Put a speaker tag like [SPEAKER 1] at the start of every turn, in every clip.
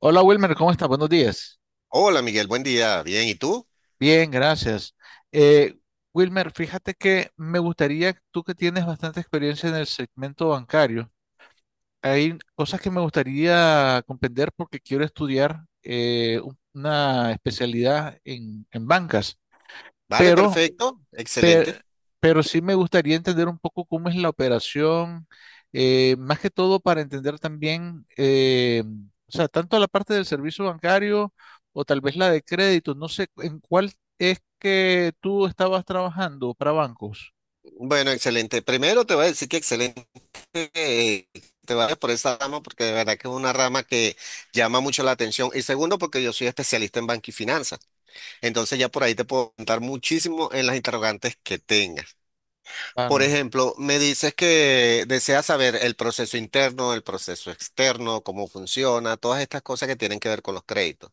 [SPEAKER 1] Hola Wilmer, ¿cómo estás? Buenos días.
[SPEAKER 2] Hola Miguel, buen día. Bien, ¿y tú?
[SPEAKER 1] Bien, gracias. Eh, Wilmer, fíjate que me gustaría, tú que tienes bastante experiencia en el segmento bancario, hay cosas que me gustaría comprender porque quiero estudiar una especialidad en bancas,
[SPEAKER 2] Vale,
[SPEAKER 1] pero
[SPEAKER 2] perfecto. Excelente.
[SPEAKER 1] Pero, pero sí me gustaría entender un poco cómo es la operación, más que todo para entender también, o sea, tanto la parte del servicio bancario o tal vez la de crédito, no sé en cuál es que tú estabas trabajando para bancos.
[SPEAKER 2] Bueno, excelente. Primero te voy a decir que excelente eh, te vayas por esa rama porque de verdad que es una rama que llama mucho la atención. Y segundo, porque yo soy especialista en banca y finanzas. Entonces ya por ahí te puedo contar muchísimo en las interrogantes que tengas. Por
[SPEAKER 1] Claro.
[SPEAKER 2] ejemplo, me dices que deseas saber el proceso interno, el proceso externo, cómo funciona, todas estas cosas que tienen que ver con los créditos.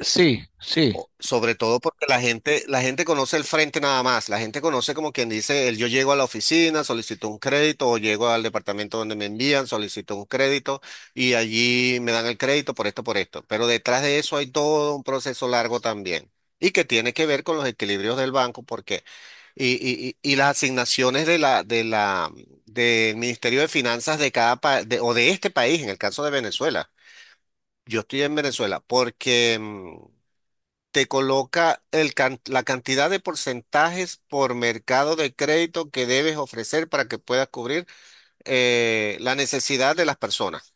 [SPEAKER 1] Sí, sí.
[SPEAKER 2] Sobre todo porque la gente conoce el frente nada más. La gente conoce, como quien dice, el yo llego a la oficina, solicito un crédito, o llego al departamento donde me envían, solicito un crédito, y allí me dan el crédito por esto, por esto. Pero detrás de eso hay todo un proceso largo también. Y que tiene que ver con los equilibrios del banco, porque, y las asignaciones de la del Ministerio de Finanzas de cada país, o de este país, en el caso de Venezuela. Yo estoy en Venezuela porque te coloca el la cantidad de porcentajes por mercado de crédito que debes ofrecer para que puedas cubrir la necesidad de las personas.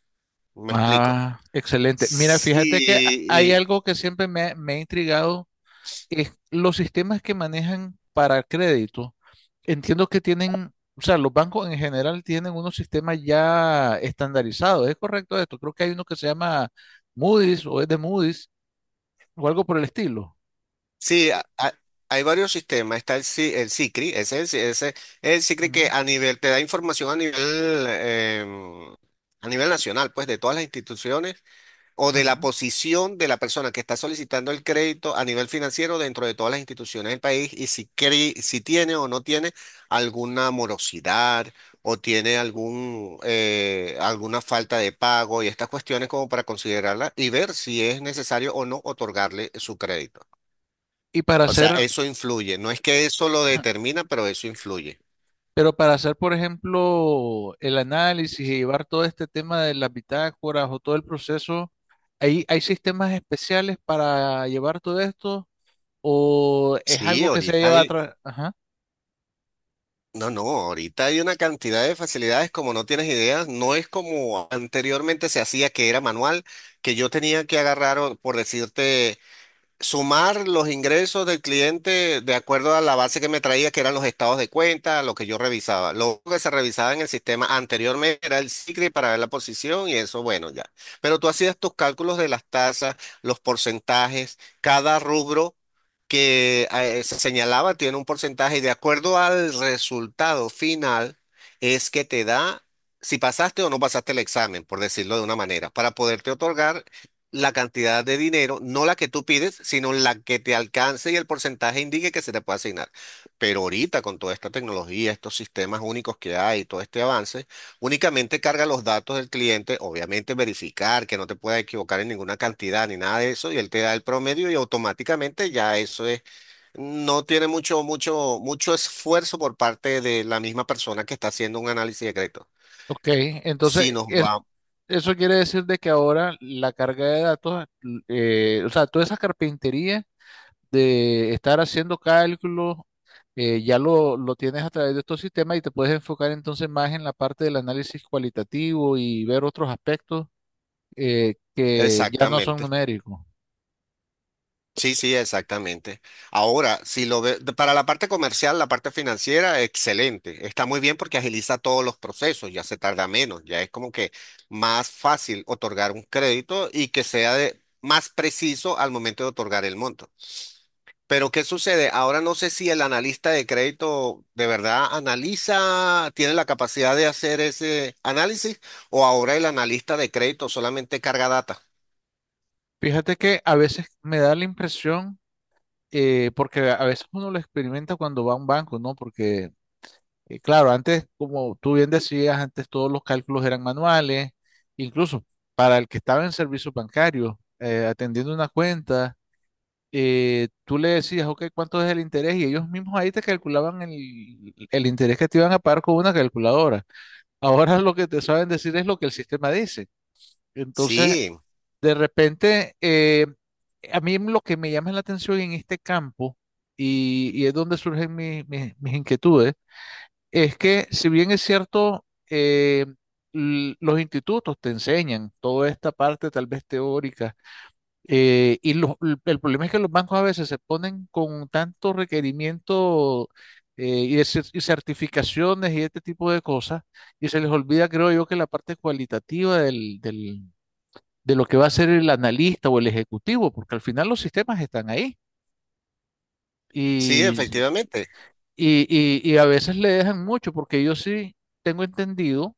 [SPEAKER 2] Me explico.
[SPEAKER 1] Ah, excelente. Mira, fíjate que hay
[SPEAKER 2] Sí,
[SPEAKER 1] algo que siempre me ha intrigado es los sistemas que manejan para crédito, entiendo que tienen, o sea, los bancos en general tienen unos sistemas ya estandarizados. ¿Es correcto esto? Creo que hay uno que se llama Moody's o es de Moody's o algo por el estilo.
[SPEAKER 2] sí, a- a- hay varios sistemas. Está el, Si- el SICRI, ese es el SICRI que
[SPEAKER 1] Ujú,
[SPEAKER 2] a nivel te da información a nivel, a nivel nacional, pues de todas las instituciones o de la
[SPEAKER 1] ujú.
[SPEAKER 2] posición de la persona que está solicitando el crédito a nivel financiero dentro de todas las instituciones del país y si, si tiene o no tiene alguna morosidad o tiene alguna falta de pago y estas cuestiones como para considerarla y ver si es necesario o no otorgarle su crédito.
[SPEAKER 1] Y para
[SPEAKER 2] O sea,
[SPEAKER 1] hacer,
[SPEAKER 2] eso influye. No es que eso lo determina, pero eso influye.
[SPEAKER 1] pero para hacer, por ejemplo, el análisis y llevar todo este tema de las bitácoras o todo el proceso, ¿hay, hay sistemas especiales para llevar todo esto o es
[SPEAKER 2] Sí,
[SPEAKER 1] algo que se lleva atrás?
[SPEAKER 2] no, no, ahorita hay una cantidad de facilidades como no tienes ideas, no es como anteriormente se hacía, que era manual, que yo tenía que agarrar, por decirte, sumar los ingresos del cliente de acuerdo a la base que me traía, que eran los estados de cuenta, lo que yo revisaba. Lo único que se revisaba en el sistema anteriormente era el SICRI para ver la posición y eso, bueno, ya. Pero tú hacías tus cálculos de las tasas, los porcentajes, cada rubro que se señalaba, tiene un porcentaje y, de acuerdo al resultado final, es que te da... Si pasaste o no pasaste el examen, por decirlo de una manera, para poderte otorgar la cantidad de dinero, no la que tú pides, sino la que te alcance y el porcentaje indique que se te puede asignar. Pero ahorita, con toda esta tecnología, estos sistemas únicos que hay, todo este avance, únicamente carga los datos del cliente, obviamente verificar que no te puedas equivocar en ninguna cantidad ni nada de eso, y él te da el promedio y automáticamente ya eso es, no tiene mucho esfuerzo por parte de la misma persona que está haciendo un análisis de crédito.
[SPEAKER 1] Ok, entonces
[SPEAKER 2] Si nos va,
[SPEAKER 1] es- eso quiere decir de que ahora la carga de datos, o sea, toda esa carpintería de estar haciendo cálculos, ya lo tienes a través de estos sistemas y te puedes enfocar entonces más en la parte del análisis cualitativo y ver otros aspectos que ya no son
[SPEAKER 2] exactamente.
[SPEAKER 1] numéricos.
[SPEAKER 2] Sí, sí, exactamente. Ahora, si lo ve, para la parte comercial, la parte financiera, excelente. Está muy bien porque agiliza todos los procesos, ya se tarda menos, ya es como que más fácil otorgar un crédito y que sea más preciso al momento de otorgar el monto. Pero ¿qué sucede? Ahora no sé si el analista de crédito de verdad analiza, tiene la capacidad de hacer ese análisis, o ahora el analista de crédito solamente carga data.
[SPEAKER 1] Fíjate que a veces me da la impresión, porque a veces uno lo experimenta cuando va a un banco, ¿no? Porque claro, antes, como tú bien decías, antes todos los cálculos eran manuales, incluso para el que estaba en servicio bancario, atendiendo una cuenta, tú le decías, ok, ¿cuánto es el interés? Y ellos mismos ahí te calculaban el interés que te iban a pagar con una calculadora. Ahora lo que te saben decir es lo que el sistema dice. Entonces,
[SPEAKER 2] Sí,
[SPEAKER 1] de repente, a mí lo que me llama la atención en este campo, y es donde surgen mis inquietudes, es que si bien es cierto, eh, los institutos te enseñan toda esta parte tal vez teórica, el problema es que los bancos a veces se ponen con tanto requerimiento y y certificaciones y este tipo de cosas, y se les olvida, creo yo, que la parte cualitativa de lo que va a ser el analista o el ejecutivo, porque al final los sistemas están ahí
[SPEAKER 2] sí,
[SPEAKER 1] y,
[SPEAKER 2] efectivamente.
[SPEAKER 1] y y a veces le dejan mucho, porque yo sí tengo entendido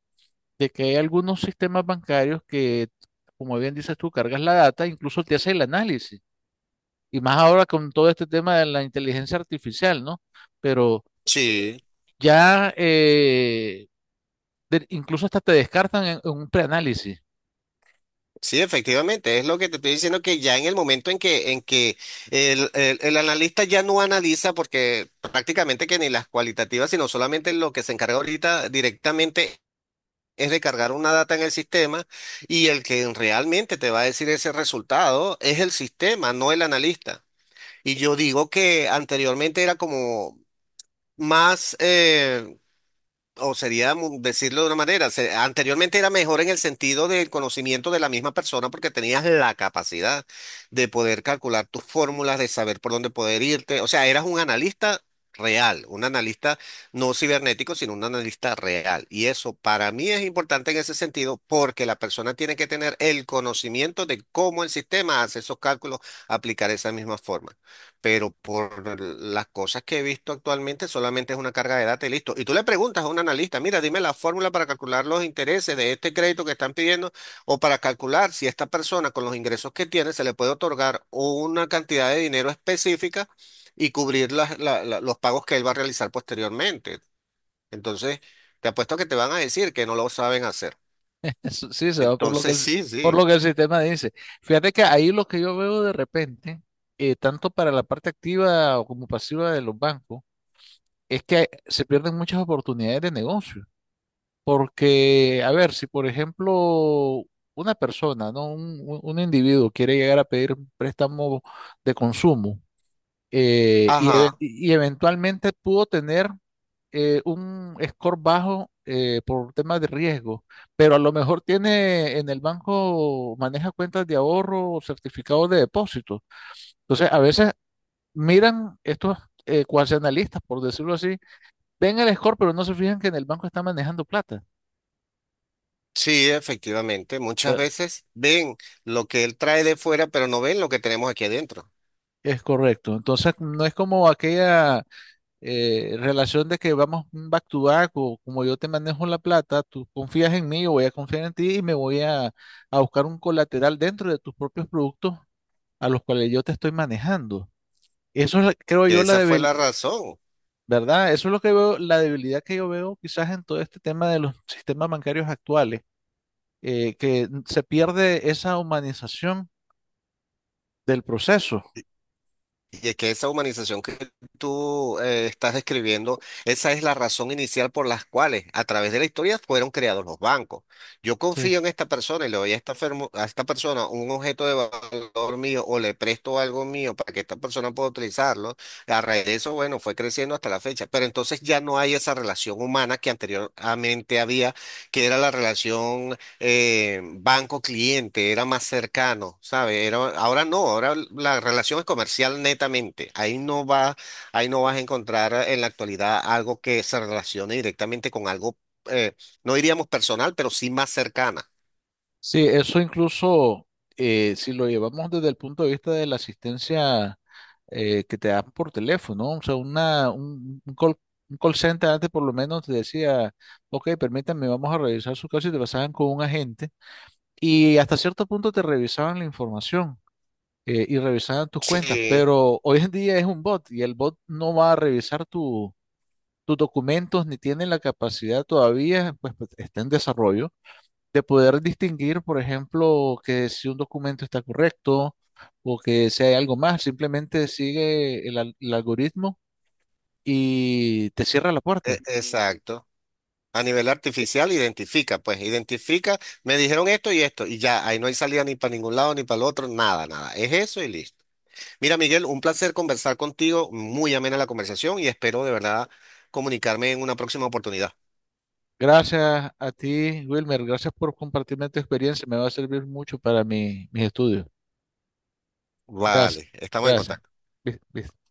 [SPEAKER 1] de que hay algunos sistemas bancarios como bien dices tú, cargas la data, incluso te hace el análisis. Y más ahora con todo este tema de la inteligencia artificial, ¿no? Pero
[SPEAKER 2] Sí.
[SPEAKER 1] ya incluso hasta te descartan en un preanálisis.
[SPEAKER 2] Sí, efectivamente, es lo que te estoy diciendo, que ya en el momento en que el analista ya no analiza, porque prácticamente que ni las cualitativas, sino solamente lo que se encarga ahorita directamente es de cargar una data en el sistema, y el que realmente te va a decir ese resultado es el sistema, no el analista. Y yo digo que anteriormente era como más, o sería decirlo de una manera, anteriormente era mejor en el sentido del conocimiento de la misma persona, porque tenías la capacidad de poder calcular tus fórmulas, de saber por dónde poder irte. O sea, eras un analista real, un analista no cibernético, sino un analista real. Y eso para mí es importante en ese sentido, porque la persona tiene que tener el conocimiento de cómo el sistema hace esos cálculos, aplicar esa misma forma, pero por las cosas que he visto actualmente, solamente es una carga de data y listo. Y tú le preguntas a un analista, mira, dime la fórmula para calcular los intereses de este crédito que están pidiendo, o para calcular si esta persona, con los ingresos que tiene, se le puede otorgar una cantidad de dinero específica y cubrir los pagos que él va a realizar posteriormente. Entonces, te apuesto que te van a decir que no lo saben hacer.
[SPEAKER 1] Eso sí, se va por lo que,
[SPEAKER 2] Entonces, sí,
[SPEAKER 1] por lo
[SPEAKER 2] sí.
[SPEAKER 1] que el sistema dice. Fíjate que ahí lo que yo veo de repente, tanto para la parte activa o como pasiva de los bancos, es que se pierden muchas oportunidades de negocio. Porque, a ver, si por ejemplo una persona, ¿no? Un individuo quiere llegar a pedir un préstamo de consumo
[SPEAKER 2] Ajá.
[SPEAKER 1] y eventualmente pudo tener un score bajo por temas de riesgo, pero a lo mejor tiene en el banco, maneja cuentas de ahorro o certificados de depósito. Entonces, a veces miran estos cuasi analistas, por decirlo así, ven el score, pero no se fijan que en el banco está manejando plata.
[SPEAKER 2] Sí, efectivamente. Muchas veces ven lo que él trae de fuera, pero no ven lo que tenemos aquí adentro.
[SPEAKER 1] Es correcto. Entonces, no es como aquella relación de que vamos back to back o como yo te manejo la plata, tú confías en mí, yo voy a confiar en ti y me voy a buscar un colateral dentro de tus propios productos a los cuales yo te estoy manejando. Eso es, creo yo,
[SPEAKER 2] Que esa fue la razón.
[SPEAKER 1] ¿verdad? Eso es lo que veo, la debilidad que yo veo quizás en todo este tema de los sistemas bancarios actuales, que se pierde esa humanización del proceso.
[SPEAKER 2] Y es que esa humanización que tú estás describiendo, esa es la razón inicial por las cuales a través de la historia fueron creados los bancos. Yo
[SPEAKER 1] Sí.
[SPEAKER 2] confío en esta persona y le doy a esta, a esta persona un objeto de valor mío, o le presto algo mío para que esta persona pueda utilizarlo. A raíz de eso, bueno, fue creciendo hasta la fecha. Pero entonces ya no hay esa relación humana que anteriormente había, que era la relación banco cliente, era más cercano, ¿sabes? Era, ahora no, ahora la relación es comercial netamente. Ahí no vas a encontrar en la actualidad algo que se relacione directamente con algo, eh, no diríamos personal, pero sí más cercana.
[SPEAKER 1] Sí, eso incluso, si lo llevamos desde el punto de vista de la asistencia que te dan por teléfono, o sea, un call center antes por lo menos te decía, ok, permítanme, vamos a revisar su caso y te pasaban con un agente y hasta cierto punto te revisaban la información y revisaban tus cuentas,
[SPEAKER 2] Sí,
[SPEAKER 1] pero hoy en día es un bot y el bot no va a revisar tus documentos ni tiene la capacidad todavía, pues, está en desarrollo de poder distinguir, por ejemplo, que si un documento está correcto o que si hay algo más, simplemente sigue el algoritmo y te cierra la puerta.
[SPEAKER 2] exacto. A nivel artificial identifica, pues identifica, me dijeron esto y esto, y ya, ahí no hay salida ni para ningún lado ni para el otro, nada, nada. Es eso y listo. Mira, Miguel, un placer conversar contigo, muy amena la conversación, y espero de verdad comunicarme en una próxima oportunidad.
[SPEAKER 1] Gracias a ti, Wilmer, gracias por compartirme tu experiencia, me va a servir mucho para mis estudios. Gracias,
[SPEAKER 2] Vale, estamos en
[SPEAKER 1] gracias.
[SPEAKER 2] contacto.
[SPEAKER 1] Bis.